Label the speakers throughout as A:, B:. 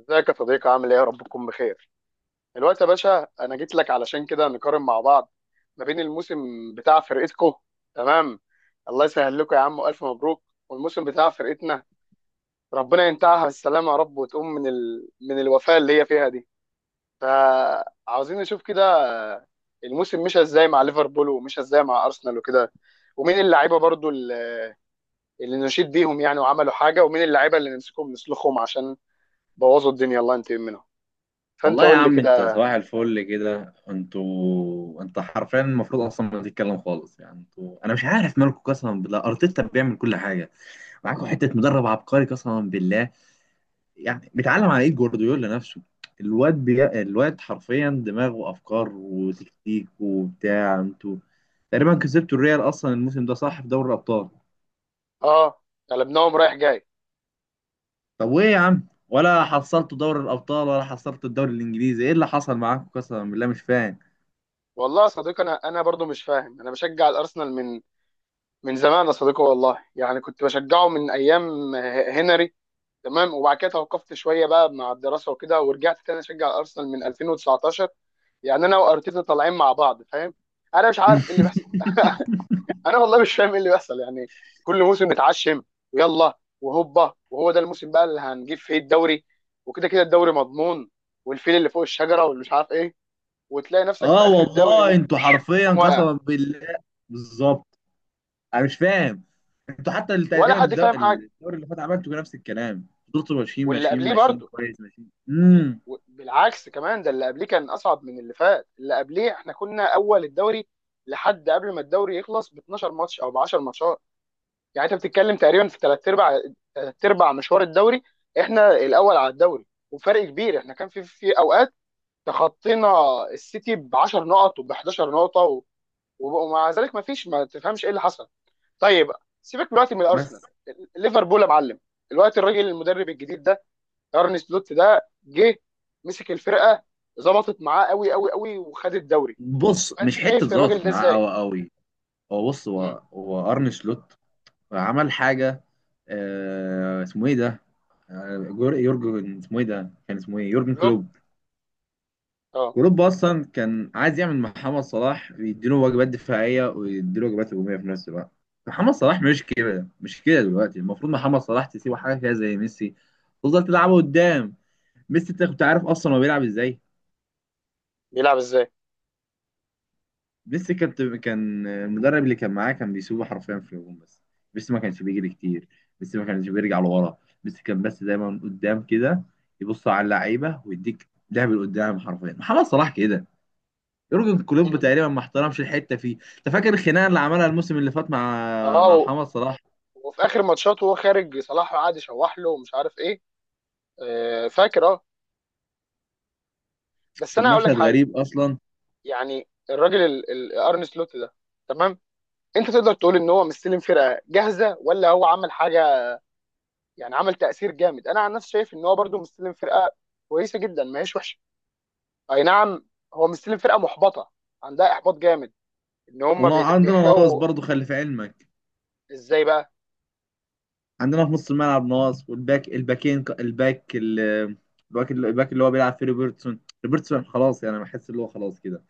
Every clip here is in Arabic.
A: ازيك يا صديقي، عامل ايه؟ يا رب تكون بخير. دلوقتي يا باشا انا جيت لك علشان كده نقارن مع بعض ما بين الموسم بتاع فرقتكو. تمام. الله يسهل لكم يا عم، والف مبروك. والموسم بتاع فرقتنا ربنا ينتهيها بالسلامه يا رب، وتقوم من من الوفاه اللي هي فيها دي. فعاوزين نشوف كده الموسم مشى ازاي مع ليفربول، ومشى ازاي مع ارسنال، وكده. ومين اللعيبه برضو اللي نشيد بيهم يعني وعملوا حاجه، ومين اللعيبه اللي نمسكهم نسلخهم عشان بوظوا الدنيا الله ينتقم منهم. فانت
B: والله يا
A: قول لي
B: عم، انت
A: كده.
B: صباح الفل كده. انتوا حرفيا المفروض اصلا ما تتكلم خالص يعني انتوا. انا مش عارف مالكم قسما بالله، ارتيتا بيعمل كل حاجه معاكم. حته مدرب عبقري قسما بالله، يعني بيتعلم على ايد جوارديولا نفسه. الواد الواد حرفيا دماغه افكار وتكتيك وبتاع. انتوا تقريبا كسبتوا الريال اصلا الموسم ده، صح، في دوري الابطال.
A: اه، قلبناهم رايح جاي.
B: طب وايه يا عم؟ ولا حصلتوا دوري الابطال ولا حصلتوا الدوري الانجليزي، ايه اللي حصل معاكم؟ قسما بالله مش فاهم.
A: والله يا صديقي انا برضو مش فاهم. انا بشجع الارسنال من زمان يا صديقي والله، يعني كنت بشجعه من ايام هنري. تمام، وبعد كده توقفت شويه بقى مع الدراسه وكده، ورجعت تاني اشجع الارسنال من 2019، يعني انا وارتيتا طالعين مع بعض، فاهم؟ انا مش عارف ايه اللي بيحصل انا والله مش فاهم ايه اللي بيحصل يعني. كل موسم نتعشم، ويلا وهوبا وهو ده الموسم بقى اللي هنجيب فيه الدوري، وكده كده الدوري مضمون، والفيل اللي فوق الشجره، واللي مش عارف إيه. وتلاقي نفسك
B: اه
A: في اخر الدوري
B: والله انتوا حرفيا
A: تقوم واقع.
B: قسما بالله. بالظبط، انا مش فاهم. انتوا حتى
A: ولا
B: تقريبا
A: حد فاهم حاجه.
B: الدوري اللي فات عملتوا نفس الكلام، فضلتوا ماشيين
A: واللي
B: ماشيين
A: قبليه
B: ماشيين
A: برضه،
B: كويس ماشيين.
A: بالعكس كمان، ده اللي قبليه كان اصعب من اللي فات. اللي قبليه احنا كنا اول الدوري لحد قبل ما الدوري يخلص ب 12 ماتش او ب 10 ماتشات. يعني انت بتتكلم تقريبا في ثلاث ارباع، ثلاث ارباع مشوار الدوري احنا الاول على الدوري وفرق كبير. احنا كان في اوقات تخطينا السيتي ب 10 نقط، وب 11 نقطه، ومع ذلك ما فيش، ما تفهمش ايه اللي حصل. طيب، سيبك دلوقتي من ارسنال،
B: بس
A: ليفربول يا معلم. دلوقتي الراجل المدرب الجديد ده ارني سلوت ده جه مسك الفرقه، ظبطت معاه قوي قوي قوي، وخد الدوري.
B: بص،
A: فانت
B: مش حته
A: شايف الراجل
B: ظبطت
A: ده
B: معاه
A: ازاي؟
B: قوي قوي. هو بص هو
A: مم.
B: هو ارن سلوت عمل حاجه؟ آه، اسمه ايه ده؟ يورجن، اسمه ايه ده، كان اسمه ايه؟ يورجن
A: كلوب،
B: كلوب.
A: اه.
B: كلوب اصلا كان عايز يعمل مع محمد صلاح، يديله وجبات دفاعيه ويديله وجبات هجوميه في نفس الوقت. محمد صلاح مش كده، مش كده. دلوقتي المفروض محمد صلاح تسيبه حاجه كده زي ميسي، تفضل تلعبه قدام. ميسي، انت كنت عارف اصلا هو بيلعب ازاي؟
A: بيلعب ازاي؟
B: ميسي كان المدرب اللي كان معاه كان بيسيبه حرفيا في الهجوم بس. ميسي ما كانش بيجري كتير، ميسي ما كانش بيرجع لورا. ميسي كان بس دايما قدام كده، يبص على اللعيبه ويديك لعب لقدام. حرفيا محمد صلاح كده. يورجن كلوب
A: مم.
B: تقريبا ما احترمش الحته فيه. انت فاكر الخناقه اللي عملها الموسم اللي فات مع
A: اه،
B: محمد صلاح؟
A: وفي اخر ماتشات وهو خارج صلاح قعد يشوح له ومش عارف ايه. آه، فاكر، اه. بس
B: كان
A: انا هقول لك
B: مشهد
A: حاجه.
B: غريب اصلا.
A: يعني الراجل ارني سلوت ده، تمام، انت تقدر تقول ان هو مستلم فرقه جاهزه ولا هو عمل حاجه؟ يعني عمل تأثير جامد؟ انا عن نفسي شايف ان هو برضو مستلم فرقة كويسة جدا، ما هيش وحشة. اي نعم، هو مستلم فرقة محبطة، عندها احباط جامد، ان هم
B: وعندنا نواقص
A: بيحرقوا.
B: برضه، خلي في علمك.
A: ازاي بقى؟
B: عندنا في نص الملعب نواقص، والباك الباكين الباك اللي هو بيلعب فيه روبرتسون. روبرتسون خلاص يعني، أنا بحس اللي هو خلاص كده.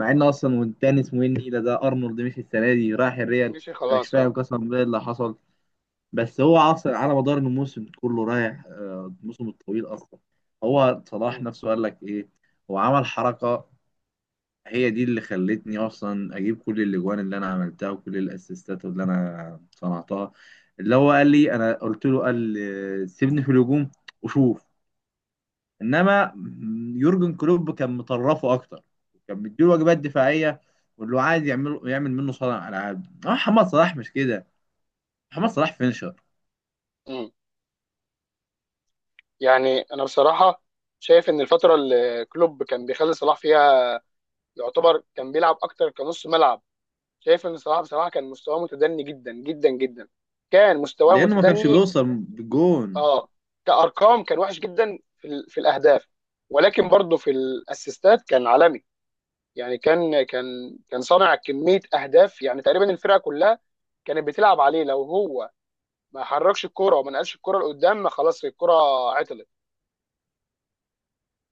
B: مع ان
A: آه،
B: اصلا، والتاني اسمه ايه، النيله ده، ارنولد، مشي السنه دي رايح الريال.
A: مشي
B: انا مش
A: خلاص،
B: فاهم
A: اه.
B: قسما بالله اللي حصل. بس هو اصلا على مدار الموسم كله رايح الموسم الطويل اصلا. هو صلاح
A: مم.
B: نفسه قال لك ايه؟ هو عمل حركه، هي دي اللي خلتني اصلا اجيب كل الاجوان اللي انا عملتها وكل الاسيستات اللي انا صنعتها، اللي هو قال لي، انا قلت له، قال سيبني في الهجوم وشوف. انما يورجن كلوب كان مطرفه اكتر، كان مديله واجبات دفاعيه، واللي هو عايز يعمل يعمل منه صانع العاب. اه، محمد صلاح مش كده. محمد صلاح فينشر،
A: مم. يعني انا بصراحة شايف ان الفترة اللي كلوب كان بيخلي صلاح فيها يعتبر كان بيلعب اكتر كنص ملعب، شايف ان صلاح بصراحة كان مستواه متدني جدا جدا جدا. كان مستواه
B: لانه ما كانش
A: متدني،
B: بيوصل بالجون.
A: اه. كارقام كان وحش جدا في في الاهداف، ولكن برضه في الاسيستات كان عالمي. يعني كان صانع كميه اهداف، يعني تقريبا الفرقه كلها كانت بتلعب عليه. لو هو ما حركش الكرة وما نقلش الكرة لقدام، ما خلاص الكرة عطلت.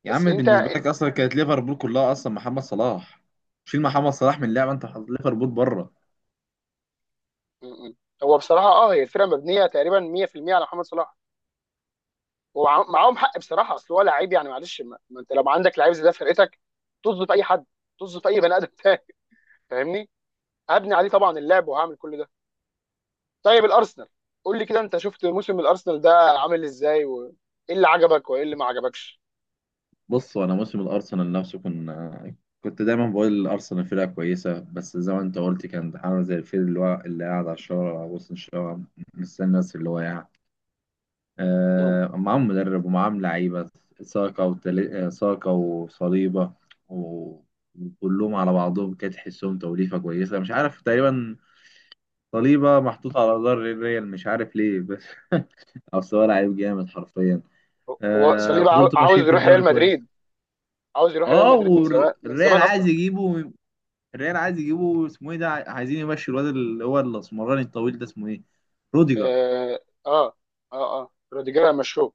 B: يا
A: بس
B: عم
A: انت
B: بالنسبه لك اصلا كانت ليفربول كلها اصلا محمد صلاح. شيل محمد صلاح من
A: م-
B: اللعبه انت حاطط ليفربول بره.
A: م- هو بصراحة، اه، هي الفرقة مبنية تقريبا 100% على محمد صلاح، ومعاهم حق بصراحة. اصل هو لعيب يعني معلش، ما انت لو عندك لعيب زي ده في فرقتك طز في اي حد، طز في اي بني ادم تاني. فاهمني؟ هبني عليه طبعا اللعب، وهعمل كل. طيب الارسنال، قول لي كده، انت شفت موسم الارسنال ده عامل ازاي؟ وايه اللي عجبك، وايه اللي ما عجبكش؟
B: بص، وانا موسم الارسنال نفسه كنت دايما بقول الارسنال فرقه كويسه، بس زي ما انت قلت كان عامل زي الفيل اللي هو اللي قاعد على الشارع، على وسط الشارع مستني الناس. اللي هو يعني
A: مم.
B: آه، معاهم مدرب ومعاهم لعيبه، ساكا ساكا وصليبه و... وكلهم على بعضهم كانت تحسهم توليفه كويسه. مش عارف، تقريبا صليبه محطوط على جدار الريال، مش عارف ليه بس. اصل هو لعيب جامد حرفيا.
A: هو
B: آه،
A: صليبا
B: فضلت
A: عاوز
B: ماشيين في
A: يروح
B: الدوري
A: ريال
B: كويس.
A: مدريد. عاوز يروح ريال
B: اه
A: مدريد من زمان، من
B: والريال
A: زمان
B: عايز
A: اصلا.
B: يجيبه. الريال عايز يجيبه، اسمه ايه ده، عايزين يمشي الواد اللي هو الاسمراني الطويل ده، اسمه ايه، روديجر.
A: اه، اه، اه, آه. روديجير مشوه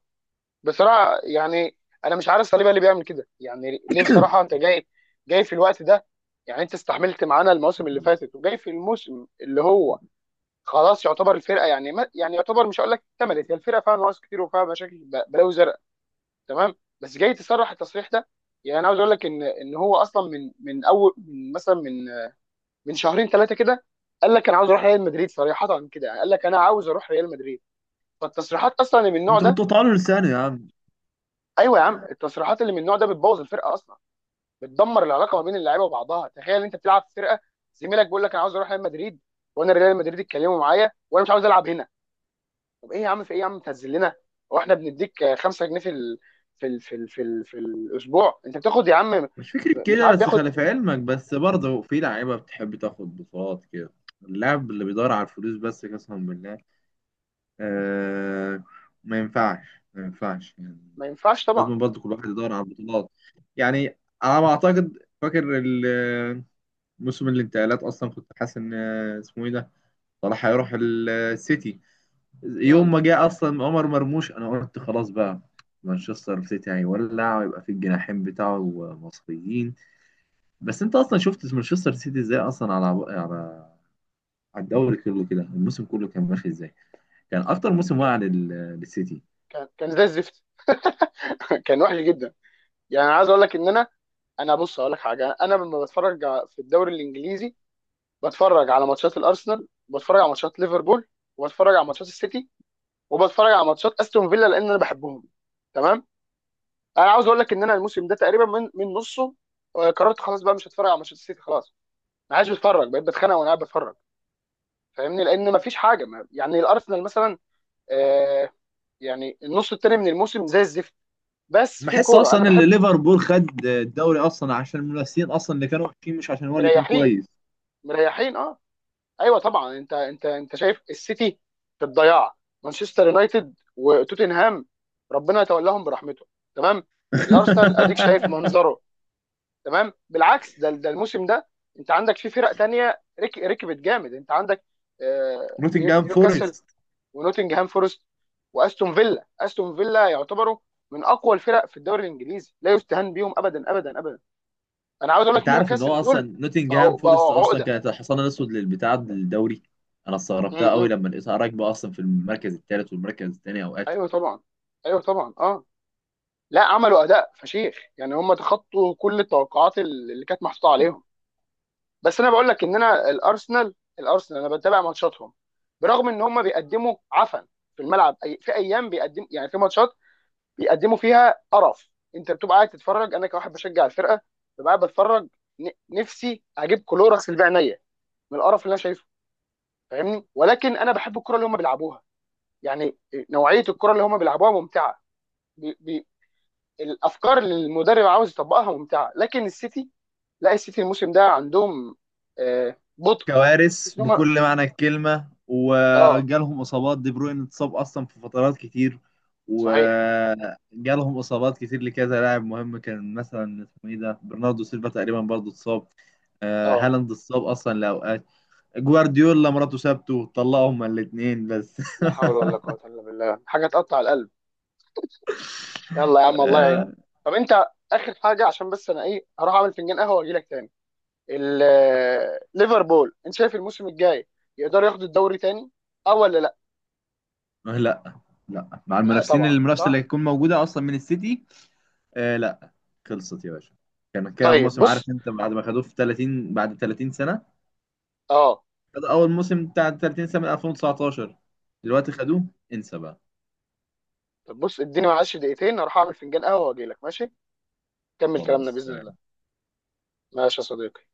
A: بصراحه يعني. انا مش عارف صليبا ليه بيعمل كده يعني، ليه؟ بصراحه انت جاي، جاي في الوقت ده؟ يعني انت استحملت معانا المواسم اللي فاتت وجاي في الموسم اللي هو خلاص يعتبر الفرقه يعني، ما يعني، يعتبر، مش هقول لك اكتملت، هي الفرقه فيها نقص كتير وفيها مشاكل بلاوي زرقاء، تمام، بس جاي تصرح التصريح ده. يعني انا عاوز اقول لك ان هو اصلا من اول، من مثلا، من شهرين ثلاثه كده قال لك انا عاوز اروح ريال مدريد، صريحه كده، يعني قال لك انا عاوز اروح ريال مدريد. فالتصريحات اصلا اللي من النوع
B: انت
A: ده،
B: كنت طالع لسانه يا عم.
A: ايوه يا عم، التصريحات اللي من النوع ده بتبوظ الفرقه اصلا، بتدمر العلاقه ما بين اللعيبه وبعضها. تخيل انت بتلعب في فرقه زميلك بيقول لك انا عاوز اروح ريال مدريد، وانا ريال مدريد اتكلموا معايا وانا مش عاوز العب هنا. طب ايه يا عم؟ في ايه يا عم؟ تنزل، هو احنا بنديك 5 جنيه في في الاسبوع؟ انت بتاخد يا عم.
B: مش فكرة
A: مش
B: كده،
A: عارف
B: بس
A: بياخد.
B: خلي في علمك بس برضه، في لعيبة بتحب تاخد بطولات كده. اللاعب اللي بيدور على الفلوس بس قسما بالله، آه، ما ينفعش، ما ينفعش يعني.
A: ما ينفعش طبعا.
B: لازم برضه كل واحد يدور على البطولات، يعني على ما اعتقد. فاكر موسم الانتقالات اصلا كنت حاسس ان، اسمه ايه ده، صلاح هيروح السيتي. يوم
A: امم،
B: ما جه اصلا عمر مرموش انا قلت خلاص بقى مانشستر سيتي هيولع، ويبقى في الجناحين بتاعه مصريين. بس انت اصلا شفت مانشستر سيتي ازاي اصلا على على على الدوري كله كده، الموسم كله كان ماشي ازاي. كان اكتر موسم واقع للسيتي.
A: كان كان زي الزفت كان وحش جدا. يعني انا عايز اقول لك ان انا، انا بص اقول لك حاجه. انا لما بتفرج في الدوري الانجليزي بتفرج على ماتشات الارسنال، وبتفرج على ماتشات ليفربول، وبتفرج على ماتشات السيتي، وبتفرج على ماتشات استون فيلا لان انا بحبهم. تمام؟ انا عاوز اقول لك ان انا الموسم ده تقريبا من نصه، آه، قررت خلاص بقى مش هتفرج على ماتشات السيتي خلاص. ما عادش بتفرج، بقيت بتخانق وانا قاعد بتفرج، فاهمني؟ لان ما فيش حاجه، ما يعني الارسنال مثلا آه، يعني النص التاني من الموسم زي الزفت، بس في
B: بحس
A: كوره انا
B: اصلا ان
A: بحب.
B: ليفربول خد الدوري اصلا عشان المنافسين اصلا اللي كانوا وحشين، مش عشان هو اللي كان
A: مريحين،
B: كويس.
A: مريحين، اه. ايوه طبعا، انت شايف السيتي في الضياع، مانشستر يونايتد وتوتنهام ربنا يتولاهم برحمته. تمام، الارسنال اديك شايف منظره. تمام، بالعكس، ده ده الموسم ده انت عندك في فرق تانية ركبت جامد. انت عندك آه،
B: نوتنجهام
A: نيوكاسل،
B: فورست،
A: ونوتنجهام فورست، واستون فيلا. استون فيلا يعتبروا من اقوى الفرق في الدوري الانجليزي، لا يستهان بيهم ابدا ابدا ابدا. انا عاوز اقول لك
B: انت عارف ان هو
A: نيوكاسل دول
B: اصلا نوتنجهام
A: بقوا،
B: فورست
A: بقوا
B: اصلا
A: عقده.
B: كانت الحصان الاسود للبتاع الدوري. انا
A: م
B: استغربتها قوي
A: -م.
B: لما لقيتها راكبه اصلا في المركز الثالث والمركز الثاني اوقات.
A: ايوه طبعا، ايوه طبعا، اه. لا، عملوا اداء فشيخ يعني، هم تخطوا كل التوقعات اللي كانت محطوطه عليهم. بس انا بقول لك ان انا الارسنال، الارسنال انا بتابع ماتشاتهم برغم ان هم بيقدموا عفن في الملعب. في ايام بيقدم يعني، في ماتشات بيقدموا فيها قرف، انت بتبقى قاعد تتفرج. انا كواحد بشجع الفرقه ببقى قاعد بتفرج، نفسي اجيب كلوركس اللي بعينيا من القرف اللي انا شايفه، فاهمني؟ ولكن انا بحب الكره اللي هم بيلعبوها. يعني نوعيه الكره اللي هم بيلعبوها ممتعه، بي بي الافكار اللي المدرب عاوز يطبقها ممتعه. لكن السيتي، لا السيتي الموسم ده عندهم آه، بطء.
B: كوارث
A: تحس ان هم،
B: بكل معنى الكلمة،
A: اه،
B: وجالهم إصابات. دي بروين اتصاب أصلا في فترات كتير،
A: صحيح،
B: وجالهم إصابات كتير لكذا لاعب مهم. كان مثلا اسمه إيه ده، برناردو سيلفا، تقريبا برضه اتصاب.
A: اه.
B: هالاند اتصاب أصلا لأوقات. جوارديولا مراته سابته، طلقوا هما الاتنين بس.
A: لا حول ولا قوه الا بالله، حاجه تقطع القلب. يلا يا عم، الله يعينك.
B: آه،
A: طب انت، اخر حاجه عشان بس انا ايه، هروح اعمل فنجان قهوه واجي لك تاني. ليفربول، انت شايف الموسم الجاي يقدر ياخد الدوري تاني اه، ولا لا؟
B: لا، لا، مع
A: لا
B: المنافسين،
A: طبعا،
B: المنافسة اللي
A: صح.
B: هتكون موجودة أصلا من السيتي. لا، خلصت يا باشا. كان كده
A: طيب
B: موسم، عارف
A: بص،
B: أنت، بعد ما خدوه في 30، بعد 30 سنة.
A: اه،
B: خدوا اول موسم بتاع 30 سنه من 2019، دلوقتي خدوه. انسى بقى،
A: طب بص اديني معلش دقيقتين هروح اعمل فنجان قهوه واجي لك، ماشي؟ كمل كلامنا باذن
B: خلاص.
A: الله. ماشي يا صديقي.